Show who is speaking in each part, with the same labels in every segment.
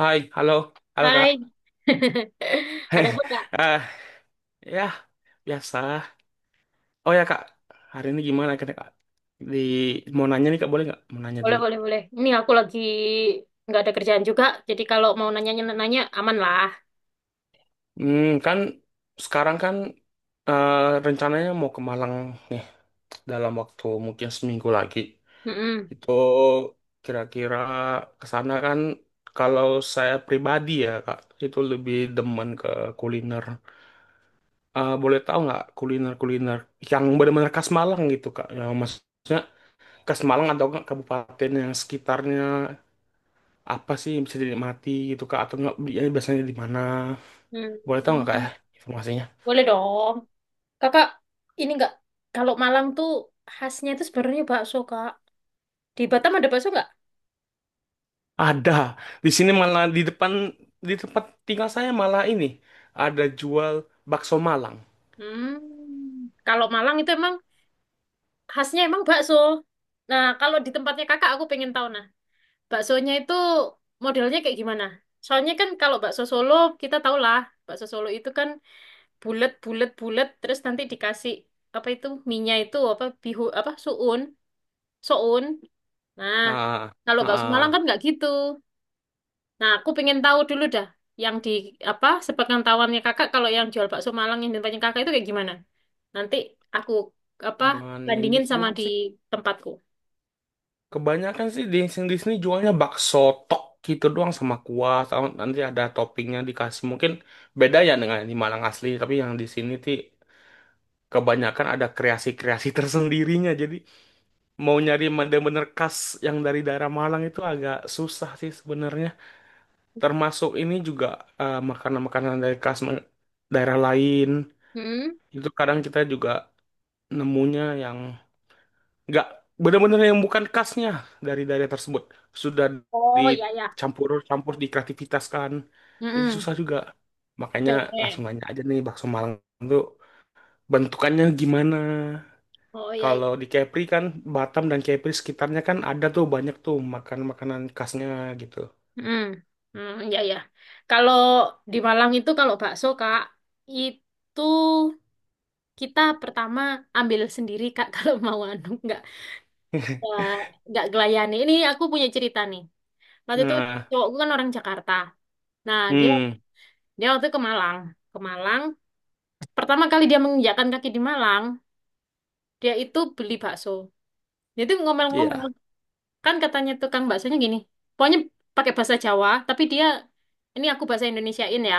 Speaker 1: Hai, halo, halo kak.
Speaker 2: Hai, ada apa Kak?
Speaker 1: Eh, ya, biasa. Oh ya kak, hari ini gimana kak? Kak? Di mau nanya nih kak, boleh nggak? Mau nanya
Speaker 2: Boleh,
Speaker 1: dulu.
Speaker 2: boleh, boleh. Ini aku lagi nggak ada kerjaan juga, jadi kalau mau nanya-nanya aman lah.
Speaker 1: Kan sekarang kan eh, rencananya mau ke Malang nih dalam waktu mungkin seminggu lagi.
Speaker 2: Mm-mm.
Speaker 1: Itu kira-kira ke sana kan kalau saya pribadi ya kak, itu lebih demen ke kuliner. Boleh tahu nggak kuliner-kuliner yang benar-benar khas Malang gitu kak? Yang maksudnya ke Semarang atau ke kabupaten yang sekitarnya, apa sih yang bisa dinikmati gitu kak, atau nggak belinya biasanya di mana, boleh tahu nggak
Speaker 2: Hmm.
Speaker 1: kak ya informasinya.
Speaker 2: Boleh dong. Kakak, ini nggak, kalau Malang tuh khasnya itu sebenarnya bakso, Kak. Di Batam ada bakso nggak?
Speaker 1: Ada di sini, malah di depan, di tempat tinggal saya malah ini ada jual bakso Malang.
Speaker 2: Hmm. Kalau Malang itu emang khasnya emang bakso. Nah, kalau di tempatnya kakak, aku pengen tahu nah, baksonya itu modelnya kayak gimana? Soalnya kan kalau bakso Solo, kita tahu lah, bakso Solo itu kan bulat bulat bulat terus nanti dikasih apa itu minyak itu apa bihu apa suun soun nah
Speaker 1: Ah,
Speaker 2: kalau
Speaker 1: ah,
Speaker 2: bakso Malang kan
Speaker 1: ah.
Speaker 2: nggak gitu. Nah, aku pengen tahu dulu dah yang di apa sepengetahuannya kakak kalau yang jual bakso Malang yang di tempatnya kakak itu kayak gimana, nanti aku apa
Speaker 1: Cuman ini
Speaker 2: bandingin sama
Speaker 1: doang
Speaker 2: di
Speaker 1: sih,
Speaker 2: tempatku.
Speaker 1: kebanyakan sih di sini, di sini jualnya bakso tok gitu doang sama kuah, sama nanti ada toppingnya dikasih. Mungkin beda ya dengan di Malang asli, tapi yang di sini sih kebanyakan ada kreasi-kreasi tersendirinya. Jadi mau nyari bener-bener khas yang dari daerah Malang itu agak susah sih sebenarnya. Termasuk ini juga, makanan-makanan dari khas daerah lain.
Speaker 2: Mm-mm.
Speaker 1: Itu kadang kita juga nemunya yang nggak bener-bener, yang bukan khasnya dari daerah tersebut. Sudah
Speaker 2: Oh ya ya.
Speaker 1: dicampur-campur, dikreativitaskan. Jadi
Speaker 2: Mm-mm.
Speaker 1: susah juga.
Speaker 2: Oke
Speaker 1: Makanya
Speaker 2: oke.
Speaker 1: langsung nanya aja nih, bakso Malang itu bentukannya gimana?
Speaker 2: Oh ya
Speaker 1: Kalau
Speaker 2: ya.
Speaker 1: di Kepri kan, Batam dan Kepri sekitarnya kan ada tuh banyak tuh makan-makanan khasnya gitu.
Speaker 2: Mm. Mm, iya ya, kalau di Malang itu kalau bakso kak itu kita pertama ambil sendiri Kak, kalau mau anu nggak nggak gelayani. Ini aku punya cerita nih. Waktu itu
Speaker 1: Nah,
Speaker 2: cowokku kan orang Jakarta. Nah dia
Speaker 1: hmm,
Speaker 2: dia waktu ke Malang, ke Malang. Pertama kali dia menginjakkan kaki di Malang, dia itu beli bakso. Dia itu ngomel-ngomel,
Speaker 1: iya,
Speaker 2: kan katanya tukang baksonya gini. Pokoknya pakai bahasa Jawa, tapi dia, ini aku bahasa Indonesiain ya.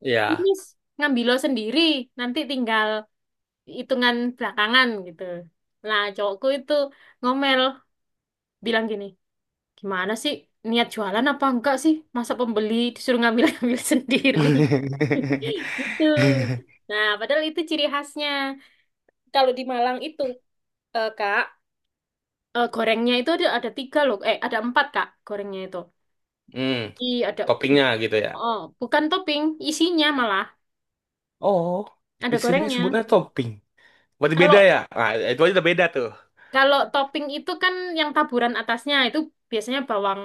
Speaker 1: iya.
Speaker 2: Amis, ngambil lo sendiri, nanti tinggal hitungan belakangan gitu. Nah, cowokku itu ngomel bilang gini, gimana sih niat jualan apa enggak sih? Masa pembeli disuruh ngambil-ngambil sendiri? Gitu. Nah, padahal itu ciri khasnya. Kalau di Malang itu, Kak, gorengnya itu ada tiga loh. Eh, ada empat, Kak, gorengnya itu.
Speaker 1: Hmm,
Speaker 2: I, ada,
Speaker 1: toppingnya gitu ya.
Speaker 2: oh, bukan topping, isinya malah.
Speaker 1: Oh, di
Speaker 2: Ada
Speaker 1: sini
Speaker 2: gorengnya.
Speaker 1: sebutnya topping. Berarti beda
Speaker 2: Kalau
Speaker 1: ya? Nah, itu aja udah beda tuh.
Speaker 2: kalau topping itu kan yang taburan atasnya itu biasanya bawang,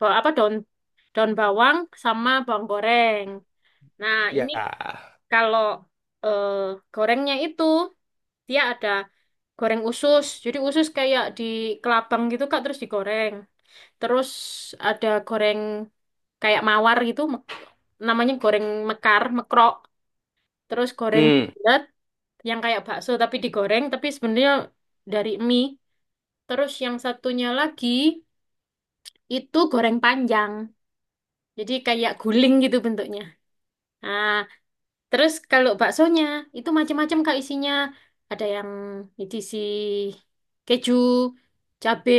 Speaker 2: apa daun, daun bawang sama bawang goreng. Nah,
Speaker 1: Ya.
Speaker 2: ini. Kalau eh, gorengnya itu dia ada goreng usus. Jadi usus kayak di kelabang gitu Kak terus digoreng. Terus ada goreng kayak mawar gitu namanya goreng mekar, mekrok. Terus goreng
Speaker 1: Hmm.
Speaker 2: bulat yang kayak bakso tapi digoreng tapi sebenarnya dari mie. Terus yang satunya lagi itu goreng panjang. Jadi kayak guling gitu bentuknya. Nah, terus kalau baksonya itu macam-macam Kak isinya. Ada yang diisi keju, cabe,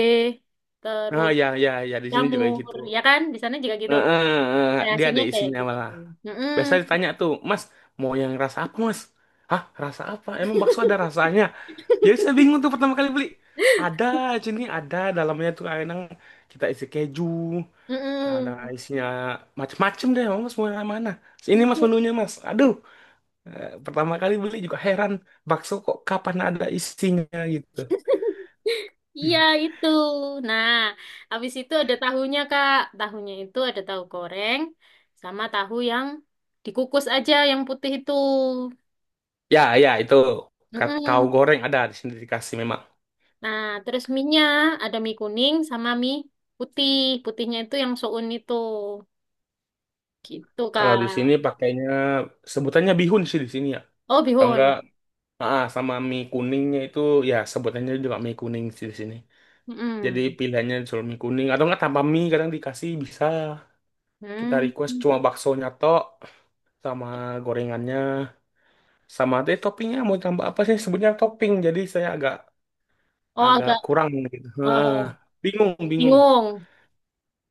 Speaker 1: Ah,
Speaker 2: terus
Speaker 1: ya, ya, ya. Di sini juga
Speaker 2: jamur,
Speaker 1: gitu.
Speaker 2: ya kan? Di sana juga
Speaker 1: Eh,
Speaker 2: gitu.
Speaker 1: eh, Dia ada
Speaker 2: Kreasinya kayak
Speaker 1: isinya
Speaker 2: gitu.
Speaker 1: malah.
Speaker 2: Mm-mm,
Speaker 1: Biasa ditanya tuh, Mas, mau yang rasa apa, Mas? Hah, rasa apa? Emang bakso ada rasanya? Jadi saya bingung tuh pertama kali beli. Ada, sini ada dalamnya tuh ayam, kita isi keju, ada
Speaker 2: mm-mm.
Speaker 1: isinya macem-macem deh, mas mau yang mana? Ini mas
Speaker 2: Iya,
Speaker 1: menunya mas. Aduh, pertama kali beli juga heran, bakso kok kapan ada isinya gitu.
Speaker 2: iya itu. Nah, habis itu ada tahunya Kak. Tahunya itu ada tahu goreng sama tahu yang dikukus aja yang putih itu.
Speaker 1: Ya ya itu, kau
Speaker 2: Mm-mm.
Speaker 1: goreng ada di sini dikasih memang.
Speaker 2: Nah, terus mie-nya ada mie kuning sama mie putih. Putihnya itu yang soun itu. Gitu,
Speaker 1: Kalau di sini
Speaker 2: Kak.
Speaker 1: pakainya sebutannya bihun sih di sini ya.
Speaker 2: Oh,
Speaker 1: Atau enggak,
Speaker 2: bihun.
Speaker 1: ah, sama mie kuningnya itu ya sebutannya juga mie kuning sih di sini. Jadi
Speaker 2: Mm-mm.
Speaker 1: pilihannya jual mie kuning atau enggak, tanpa mie kadang dikasih, bisa kita
Speaker 2: Hmm.
Speaker 1: request cuma baksonya tok, sama gorengannya, sama deh toppingnya mau tambah apa, sih sebutnya topping, jadi saya agak
Speaker 2: Oh,
Speaker 1: agak
Speaker 2: agak
Speaker 1: kurang gitu.
Speaker 2: oh,
Speaker 1: Nah,
Speaker 2: oh,
Speaker 1: bingung, bingung.
Speaker 2: bingung.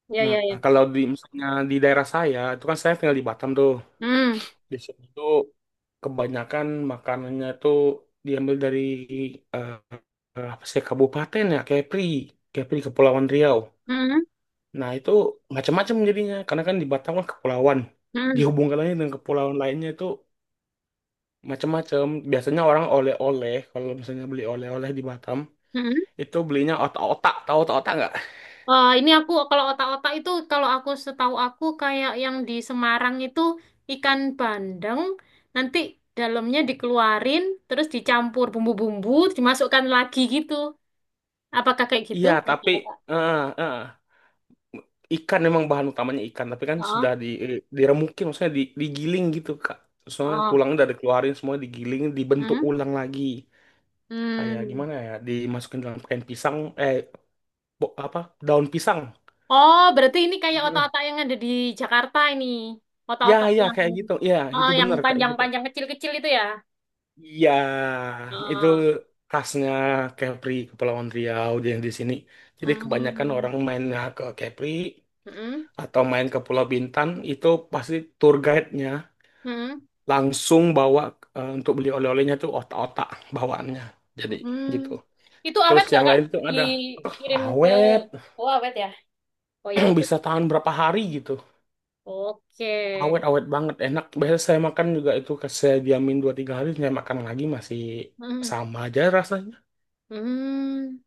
Speaker 2: Ya,
Speaker 1: Nah,
Speaker 2: ya, ya.
Speaker 1: kalau di misalnya di daerah saya itu kan, saya tinggal di Batam tuh,
Speaker 2: Hmm.
Speaker 1: di sini tuh kebanyakan makanannya tuh diambil dari eh, apa sih kabupaten ya, Kepri, Kepri, Kepulauan Riau.
Speaker 2: Hmm.
Speaker 1: Nah, itu macam-macam jadinya karena kan di Batam kan kepulauan.
Speaker 2: Hmm.
Speaker 1: Dihubungkannya dengan kepulauan lainnya itu macam-macam. Biasanya orang oleh-oleh, kalau misalnya beli oleh-oleh di Batam
Speaker 2: Hmm.
Speaker 1: itu belinya otak-otak. Tahu otak-otak nggak?
Speaker 2: Eh, ini aku kalau otak-otak itu kalau aku setahu aku kayak yang di Semarang itu ikan bandeng nanti dalamnya dikeluarin terus dicampur bumbu-bumbu dimasukkan lagi gitu. Apakah kayak gitu?
Speaker 1: Iya, tapi
Speaker 2: Otak-otak.
Speaker 1: eh, eh, ikan, memang bahan utamanya ikan, tapi kan sudah di diremukin, maksudnya digiling gitu, Kak. Soalnya
Speaker 2: Oh,
Speaker 1: tulangnya udah dikeluarin semua, digiling, dibentuk
Speaker 2: hmm?
Speaker 1: ulang lagi. Kayak
Speaker 2: Hmm.
Speaker 1: gimana ya? Dimasukin dalam kain pisang, eh apa? Daun pisang.
Speaker 2: Oh, berarti ini kayak otak-otak yang ada di Jakarta ini.
Speaker 1: Ya,
Speaker 2: Otak-otak
Speaker 1: ya,
Speaker 2: yang
Speaker 1: kayak gitu. Ya,
Speaker 2: oh,
Speaker 1: itu
Speaker 2: yang
Speaker 1: bener kayak gitu.
Speaker 2: panjang-panjang kecil-kecil itu ya.
Speaker 1: Iya, itu
Speaker 2: Oh.
Speaker 1: khasnya Kepri, Kepulauan Riau yang di sini. Jadi kebanyakan orang
Speaker 2: Hmm.
Speaker 1: mainnya ke Kepri
Speaker 2: Hmm.
Speaker 1: atau main ke Pulau Bintan, itu pasti tour guide-nya
Speaker 2: Hmm.
Speaker 1: langsung bawa, untuk beli oleh-olehnya tuh otak-otak bawaannya. Jadi
Speaker 2: Hmm.
Speaker 1: gitu.
Speaker 2: Itu awet
Speaker 1: Terus
Speaker 2: nggak,
Speaker 1: yang
Speaker 2: Kak?
Speaker 1: lain itu ada
Speaker 2: Dikirim ke.
Speaker 1: awet,
Speaker 2: Oh, awet ya. Oh, ya udah.
Speaker 1: bisa tahan berapa hari gitu.
Speaker 2: Oke.
Speaker 1: Awet, awet banget, enak, biasa saya makan juga itu, saya diamin dua tiga hari saya makan lagi masih
Speaker 2: Hmm.
Speaker 1: sama aja rasanya.
Speaker 2: Hmm.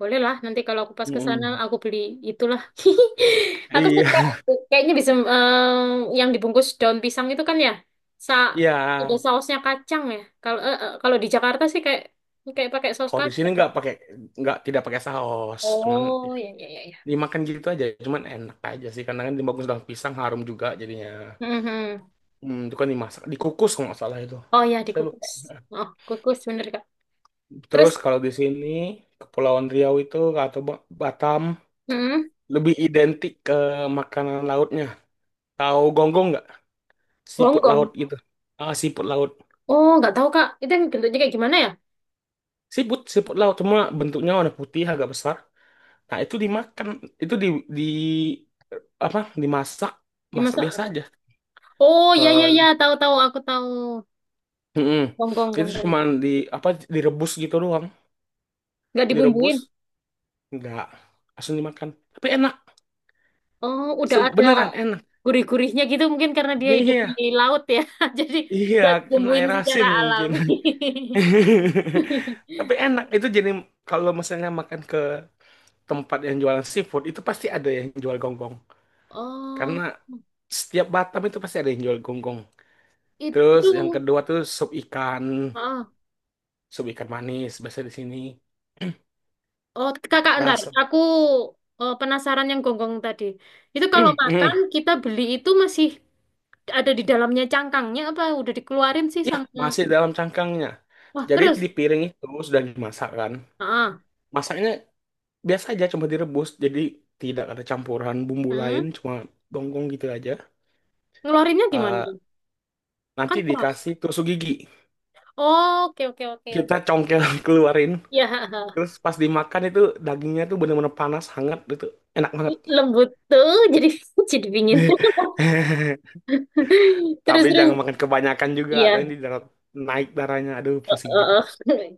Speaker 2: Boleh lah, nanti kalau aku pas ke sana
Speaker 1: Mm-mm.
Speaker 2: aku beli itulah. Aku suka
Speaker 1: Iya,
Speaker 2: kayaknya bisa em, yang dibungkus daun pisang itu kan ya. Sa,
Speaker 1: iya,
Speaker 2: ada sausnya kacang ya. Kalau kalau di Jakarta sih kayak kayak pakai saus
Speaker 1: kalau di sini
Speaker 2: kacang.
Speaker 1: nggak pakai, nggak, tidak pakai saus, cuman ya,
Speaker 2: Oh, ya ya ya ya.
Speaker 1: dimakan gitu aja, cuman enak aja sih karena kan dimakan daun pisang harum juga jadinya.
Speaker 2: Mhm.
Speaker 1: Hmm, itu kan dimasak, dikukus kalau nggak salah itu,
Speaker 2: Oh ya
Speaker 1: saya lupa.
Speaker 2: dikukus. Oh, kukus bener Kak. Terus
Speaker 1: Terus kalau di sini, Kepulauan Riau itu atau Batam
Speaker 2: mhm,
Speaker 1: lebih identik ke makanan lautnya. Tahu gonggong nggak? Siput laut
Speaker 2: gonggong.
Speaker 1: gitu. Ah, siput laut.
Speaker 2: Oh, nggak tahu Kak. Itu yang bentuknya kayak gimana ya?
Speaker 1: Siput, siput laut, cuma bentuknya warna putih agak besar. Nah, itu dimakan, itu di apa? Dimasak, masak
Speaker 2: Dimasak
Speaker 1: biasa
Speaker 2: apa?
Speaker 1: aja.
Speaker 2: Oh, ya ya ya,
Speaker 1: Eh,
Speaker 2: tahu tahu aku tahu.
Speaker 1: mm-mm.
Speaker 2: Gonggong
Speaker 1: Itu
Speaker 2: gonggong.
Speaker 1: cuma di apa direbus gitu doang.
Speaker 2: Nggak dibumbuin.
Speaker 1: Direbus, enggak, langsung dimakan. Tapi enak,
Speaker 2: Oh, udah ada
Speaker 1: Beneran enak.
Speaker 2: gurih-gurihnya gitu mungkin karena dia hidup di
Speaker 1: Iya,
Speaker 2: laut ya. Jadi
Speaker 1: iya,
Speaker 2: udah
Speaker 1: kena
Speaker 2: dibumbuin
Speaker 1: air
Speaker 2: secara
Speaker 1: asin mungkin.
Speaker 2: alami.
Speaker 1: Tapi enak, itu jadi kalau misalnya makan ke tempat yang jualan seafood, itu pasti ada yang jual gonggong. Karena
Speaker 2: Oh,
Speaker 1: setiap Batam itu pasti ada yang jual gonggong. Terus
Speaker 2: itu.
Speaker 1: yang kedua tuh
Speaker 2: Oh,
Speaker 1: sup ikan manis biasa di sini.
Speaker 2: oh, kakak ntar,
Speaker 1: Rasa,
Speaker 2: aku penasaran yang gonggong tadi. Itu kalau
Speaker 1: mm,
Speaker 2: makan
Speaker 1: mm.
Speaker 2: kita beli itu masih ada di dalamnya cangkangnya apa udah dikeluarin sih
Speaker 1: Ya,
Speaker 2: sama
Speaker 1: masih dalam cangkangnya.
Speaker 2: wah
Speaker 1: Jadi
Speaker 2: terus
Speaker 1: di piring itu sudah dimasak kan.
Speaker 2: ah
Speaker 1: Masaknya biasa aja, cuma direbus, jadi tidak ada campuran bumbu lain,
Speaker 2: hmm.
Speaker 1: cuma gonggong gitu aja.
Speaker 2: Ngeluarinnya gimana
Speaker 1: Eh,
Speaker 2: tuh? Kan
Speaker 1: nanti
Speaker 2: keras.
Speaker 1: dikasih tusuk gigi,
Speaker 2: Oh, oke oke oke
Speaker 1: kita congkel keluarin.
Speaker 2: ya.
Speaker 1: Terus pas dimakan itu dagingnya tuh bener-bener panas, hangat, itu enak banget.
Speaker 2: Lembut tuh jadi jadi dingin. Terus
Speaker 1: Tapi
Speaker 2: terus
Speaker 1: jangan makan kebanyakan juga,
Speaker 2: iya
Speaker 1: nanti darah, naik darahnya. Aduh,
Speaker 2: eh,
Speaker 1: pusing
Speaker 2: eh,
Speaker 1: juga.
Speaker 2: eh.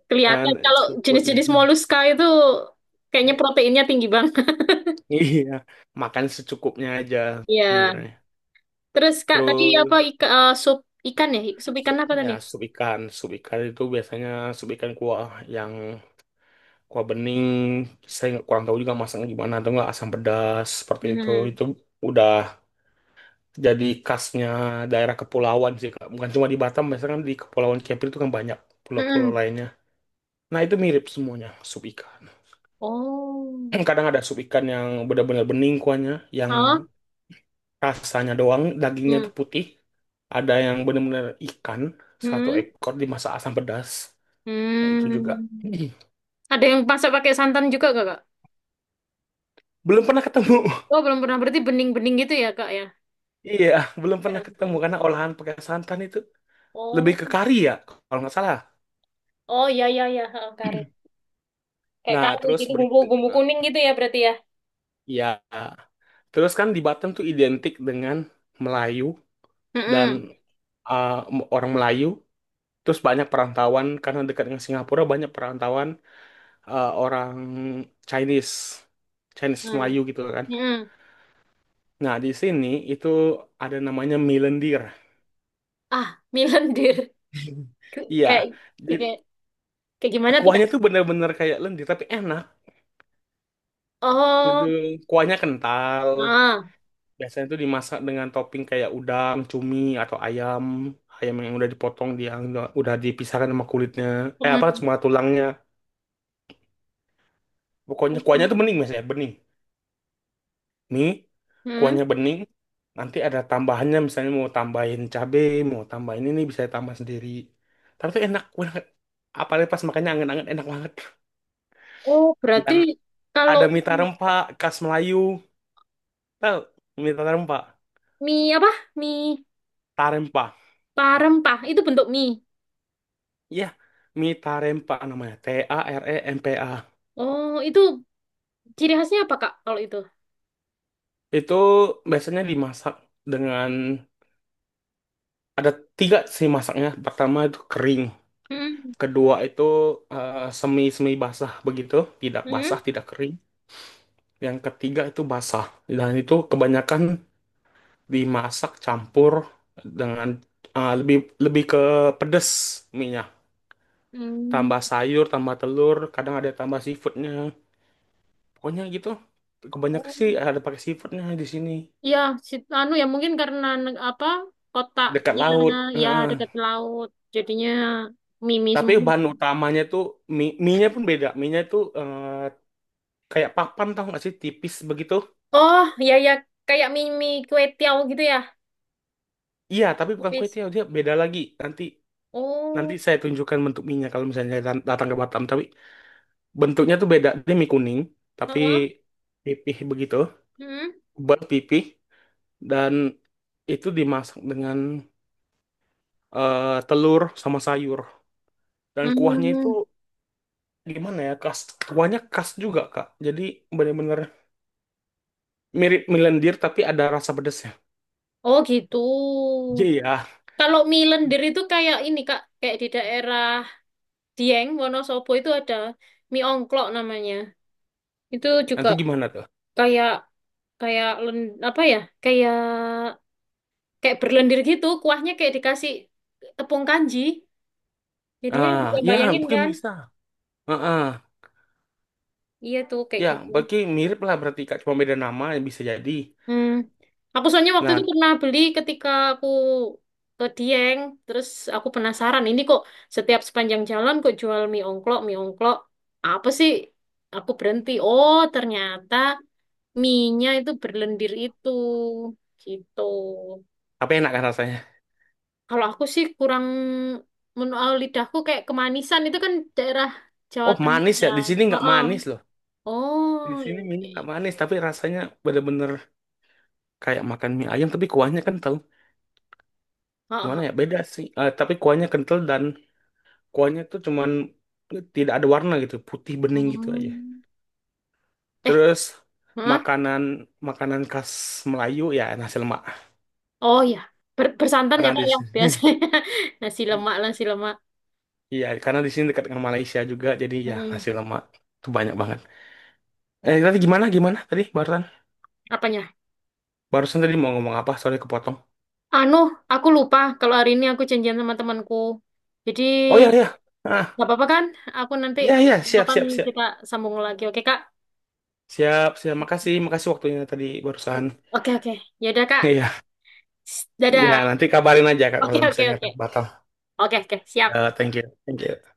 Speaker 1: Kan
Speaker 2: Kelihatan kalau
Speaker 1: seafood.
Speaker 2: jenis-jenis moluska itu kayaknya proteinnya tinggi banget.
Speaker 1: Iya, makan secukupnya aja
Speaker 2: Iya.
Speaker 1: sebenarnya.
Speaker 2: Terus Kak tadi apa
Speaker 1: Terus
Speaker 2: sup ikan ya? Sup ikan apa
Speaker 1: ya
Speaker 2: tadi?
Speaker 1: sup ikan itu biasanya sup ikan kuah yang kuah bening. Saya nggak kurang tahu juga masaknya gimana atau nggak asam pedas seperti itu.
Speaker 2: Hmm.
Speaker 1: Itu udah jadi khasnya daerah kepulauan sih Kak. Bukan cuma di Batam, biasanya kan di Kepulauan Kepri itu kan banyak pulau-pulau
Speaker 2: Hmm.
Speaker 1: lainnya. Nah, itu mirip semuanya sup ikan.
Speaker 2: Oh.
Speaker 1: Kadang ada sup ikan yang benar-benar bening kuahnya, yang
Speaker 2: Hah?
Speaker 1: rasanya doang, dagingnya
Speaker 2: Hmm.
Speaker 1: itu putih. Ada yang benar-benar ikan, satu
Speaker 2: Hmm.
Speaker 1: ekor dimasak asam pedas. Nah, itu juga.
Speaker 2: Hmm. Ada yang masak pakai santan juga gak, Kak?
Speaker 1: Belum pernah ketemu.
Speaker 2: Oh, belum pernah. Berarti bening-bening gitu ya, Kak, ya?
Speaker 1: Iya, belum
Speaker 2: Cara
Speaker 1: pernah ketemu
Speaker 2: masaknya.
Speaker 1: karena olahan pakai santan itu lebih
Speaker 2: Oh.
Speaker 1: ke kari ya, kalau nggak salah.
Speaker 2: Oh, iya, iya, iya. Ha, Kari. Kayak
Speaker 1: Nah,
Speaker 2: kari
Speaker 1: terus
Speaker 2: gitu, bumbu,
Speaker 1: berikut.
Speaker 2: bumbu
Speaker 1: Nah,
Speaker 2: kuning gitu ya berarti ya?
Speaker 1: ya, terus kan di Batam tuh identik dengan Melayu dan
Speaker 2: Hmm.
Speaker 1: uh, orang Melayu. Terus banyak perantauan karena dekat dengan Singapura, banyak perantauan orang Chinese, Chinese
Speaker 2: Hmm.
Speaker 1: Melayu gitu kan.
Speaker 2: Hmm. Hmm.
Speaker 1: Nah, di sini itu ada namanya mie lendir.
Speaker 2: Ah, mie lendir.
Speaker 1: Iya,
Speaker 2: Kayak
Speaker 1: jadi
Speaker 2: ya kayak kayak gimana tuh, Kak?
Speaker 1: kuahnya tuh bener-bener kayak lendir tapi enak gitu.
Speaker 2: Oh,
Speaker 1: Kuahnya kental.
Speaker 2: ah.
Speaker 1: Biasanya tuh dimasak dengan topping kayak udang, cumi, atau ayam, ayam yang udah dipotong, dia udah dipisahkan sama kulitnya. Eh apa,
Speaker 2: Hmm.
Speaker 1: cuma tulangnya. Pokoknya
Speaker 2: Hmm.
Speaker 1: kuahnya tuh bening biasanya, bening. Mie,
Speaker 2: Hmm.
Speaker 1: kuahnya bening, nanti ada tambahannya, misalnya mau tambahin cabe, mau tambahin ini, bisa tambah sendiri. Tapi itu enak banget. Apalagi pas makannya anget-anget enak banget.
Speaker 2: Oh, berarti
Speaker 1: Dan
Speaker 2: kalau
Speaker 1: ada mie tarempa khas Melayu. Tahu mie tarempa,
Speaker 2: mie apa? Mie
Speaker 1: tarempa.
Speaker 2: parempah itu bentuk mie.
Speaker 1: Iya, mie tarempa namanya. T A R E M P A.
Speaker 2: Oh, itu ciri khasnya apa, Kak, kalau itu?
Speaker 1: Itu biasanya dimasak dengan ada tiga sih masaknya. Pertama itu kering.
Speaker 2: Hmm.
Speaker 1: Kedua itu semi-semi basah begitu, tidak
Speaker 2: Hmm.
Speaker 1: basah, tidak kering. Yang ketiga itu basah. Dan itu kebanyakan dimasak campur dengan ah, lebih lebih ke pedes minyak.
Speaker 2: Hmm.
Speaker 1: Tambah sayur, tambah telur, kadang ada tambah seafoodnya. Pokoknya gitu. Kebanyakan
Speaker 2: Oh.
Speaker 1: sih ada pakai seafoodnya di sini.
Speaker 2: Ya anu ya mungkin karena apa?
Speaker 1: Dekat
Speaker 2: Kotaknya
Speaker 1: laut.
Speaker 2: ya
Speaker 1: Heeh.
Speaker 2: dekat laut. Jadinya mimi
Speaker 1: Tapi
Speaker 2: semua.
Speaker 1: bahan utamanya tuh mie, mie-nya pun beda. Mie-nya tuh kayak papan, tau gak sih tipis begitu.
Speaker 2: Oh, ya ya kayak mimi kue tiaw gitu ya.
Speaker 1: Iya, tapi bukan kue
Speaker 2: Tipis.
Speaker 1: tiaw, dia beda lagi. Nanti Nanti
Speaker 2: Oh,
Speaker 1: saya tunjukkan bentuk mie kalau misalnya datang ke Batam. Tapi bentuknya tuh beda. Dia mie kuning, tapi
Speaker 2: heeh.
Speaker 1: pipih begitu.
Speaker 2: Hmm.
Speaker 1: Buat pipih. Dan itu dimasak dengan telur sama sayur. Dan kuahnya itu
Speaker 2: Hmm.
Speaker 1: gimana ya? Khas, kuahnya khas juga, Kak. Jadi bener-bener mirip mie lendir, tapi ada rasa pedasnya.
Speaker 2: Oh gitu.
Speaker 1: Iya, ya.
Speaker 2: Kalau mie lendir itu kayak ini Kak, kayak di daerah Dieng, Wonosobo itu ada mie ongklok namanya. Itu
Speaker 1: Nah,
Speaker 2: juga
Speaker 1: itu gimana tuh?
Speaker 2: kayak kayak len, apa ya? Kayak kayak berlendir gitu, kuahnya kayak dikasih tepung kanji. Jadi ya
Speaker 1: Ah,
Speaker 2: bisa
Speaker 1: ya
Speaker 2: bayangin
Speaker 1: mungkin
Speaker 2: kan?
Speaker 1: bisa. Heeh.
Speaker 2: Iya tuh kayak
Speaker 1: Ya,
Speaker 2: gitu.
Speaker 1: bagi mirip lah berarti, Kak. Cuma beda nama, ya bisa jadi.
Speaker 2: Hmm. Aku soalnya waktu itu
Speaker 1: Nah,
Speaker 2: pernah beli ketika aku ke Dieng, terus aku penasaran ini kok setiap sepanjang jalan kok jual mie ongklok. Apa sih? Aku berhenti. Oh, ternyata mie-nya itu berlendir itu. Gitu.
Speaker 1: tapi enak kan rasanya.
Speaker 2: Kalau aku sih kurang menurut lidahku kayak kemanisan itu kan daerah Jawa
Speaker 1: Oh,
Speaker 2: Tengah
Speaker 1: manis ya.
Speaker 2: ya.
Speaker 1: Di sini nggak
Speaker 2: Heeh.
Speaker 1: manis loh.
Speaker 2: Oh,
Speaker 1: Di
Speaker 2: iya.
Speaker 1: sini mie
Speaker 2: Iya. Iya.
Speaker 1: nggak manis, tapi rasanya bener-bener kayak makan mie ayam, tapi kuahnya kental. Gimana
Speaker 2: Heeh.
Speaker 1: ya? Beda sih. Eh, tapi kuahnya kental dan kuahnya tuh cuman tidak ada warna gitu, putih bening gitu aja.
Speaker 2: Hmm. Eh,
Speaker 1: Terus
Speaker 2: heeh.
Speaker 1: makanan, makanan khas Melayu ya nasi lemak.
Speaker 2: Oh ya, bersantan ya
Speaker 1: Karena
Speaker 2: Kak
Speaker 1: di
Speaker 2: yang
Speaker 1: sini,
Speaker 2: biasanya nasi lemak.
Speaker 1: iya karena di sini dekat dengan Malaysia juga, jadi ya
Speaker 2: Hmm.
Speaker 1: nasi lemak tuh banyak banget. Eh tadi gimana, gimana tadi barusan,
Speaker 2: Apanya?
Speaker 1: barusan tadi mau ngomong apa? Sorry kepotong.
Speaker 2: Anu, aku lupa kalau hari ini aku janjian sama temanku. Jadi
Speaker 1: Oh iya iya. Ah,
Speaker 2: nggak apa-apa kan? Aku nanti
Speaker 1: iya iya, siap
Speaker 2: kapan
Speaker 1: siap siap.
Speaker 2: kita sambung lagi. Oke Kak?
Speaker 1: Siap, siap. Makasih, makasih waktunya tadi barusan.
Speaker 2: Oke oke. Ya udah Kak.
Speaker 1: Iya. Ya,
Speaker 2: Dadah.
Speaker 1: nanti kabarin aja Kak
Speaker 2: Oke
Speaker 1: kalau
Speaker 2: oke
Speaker 1: misalnya
Speaker 2: oke.
Speaker 1: batal.
Speaker 2: Oke oke siap.
Speaker 1: Ya, thank you. Thank you.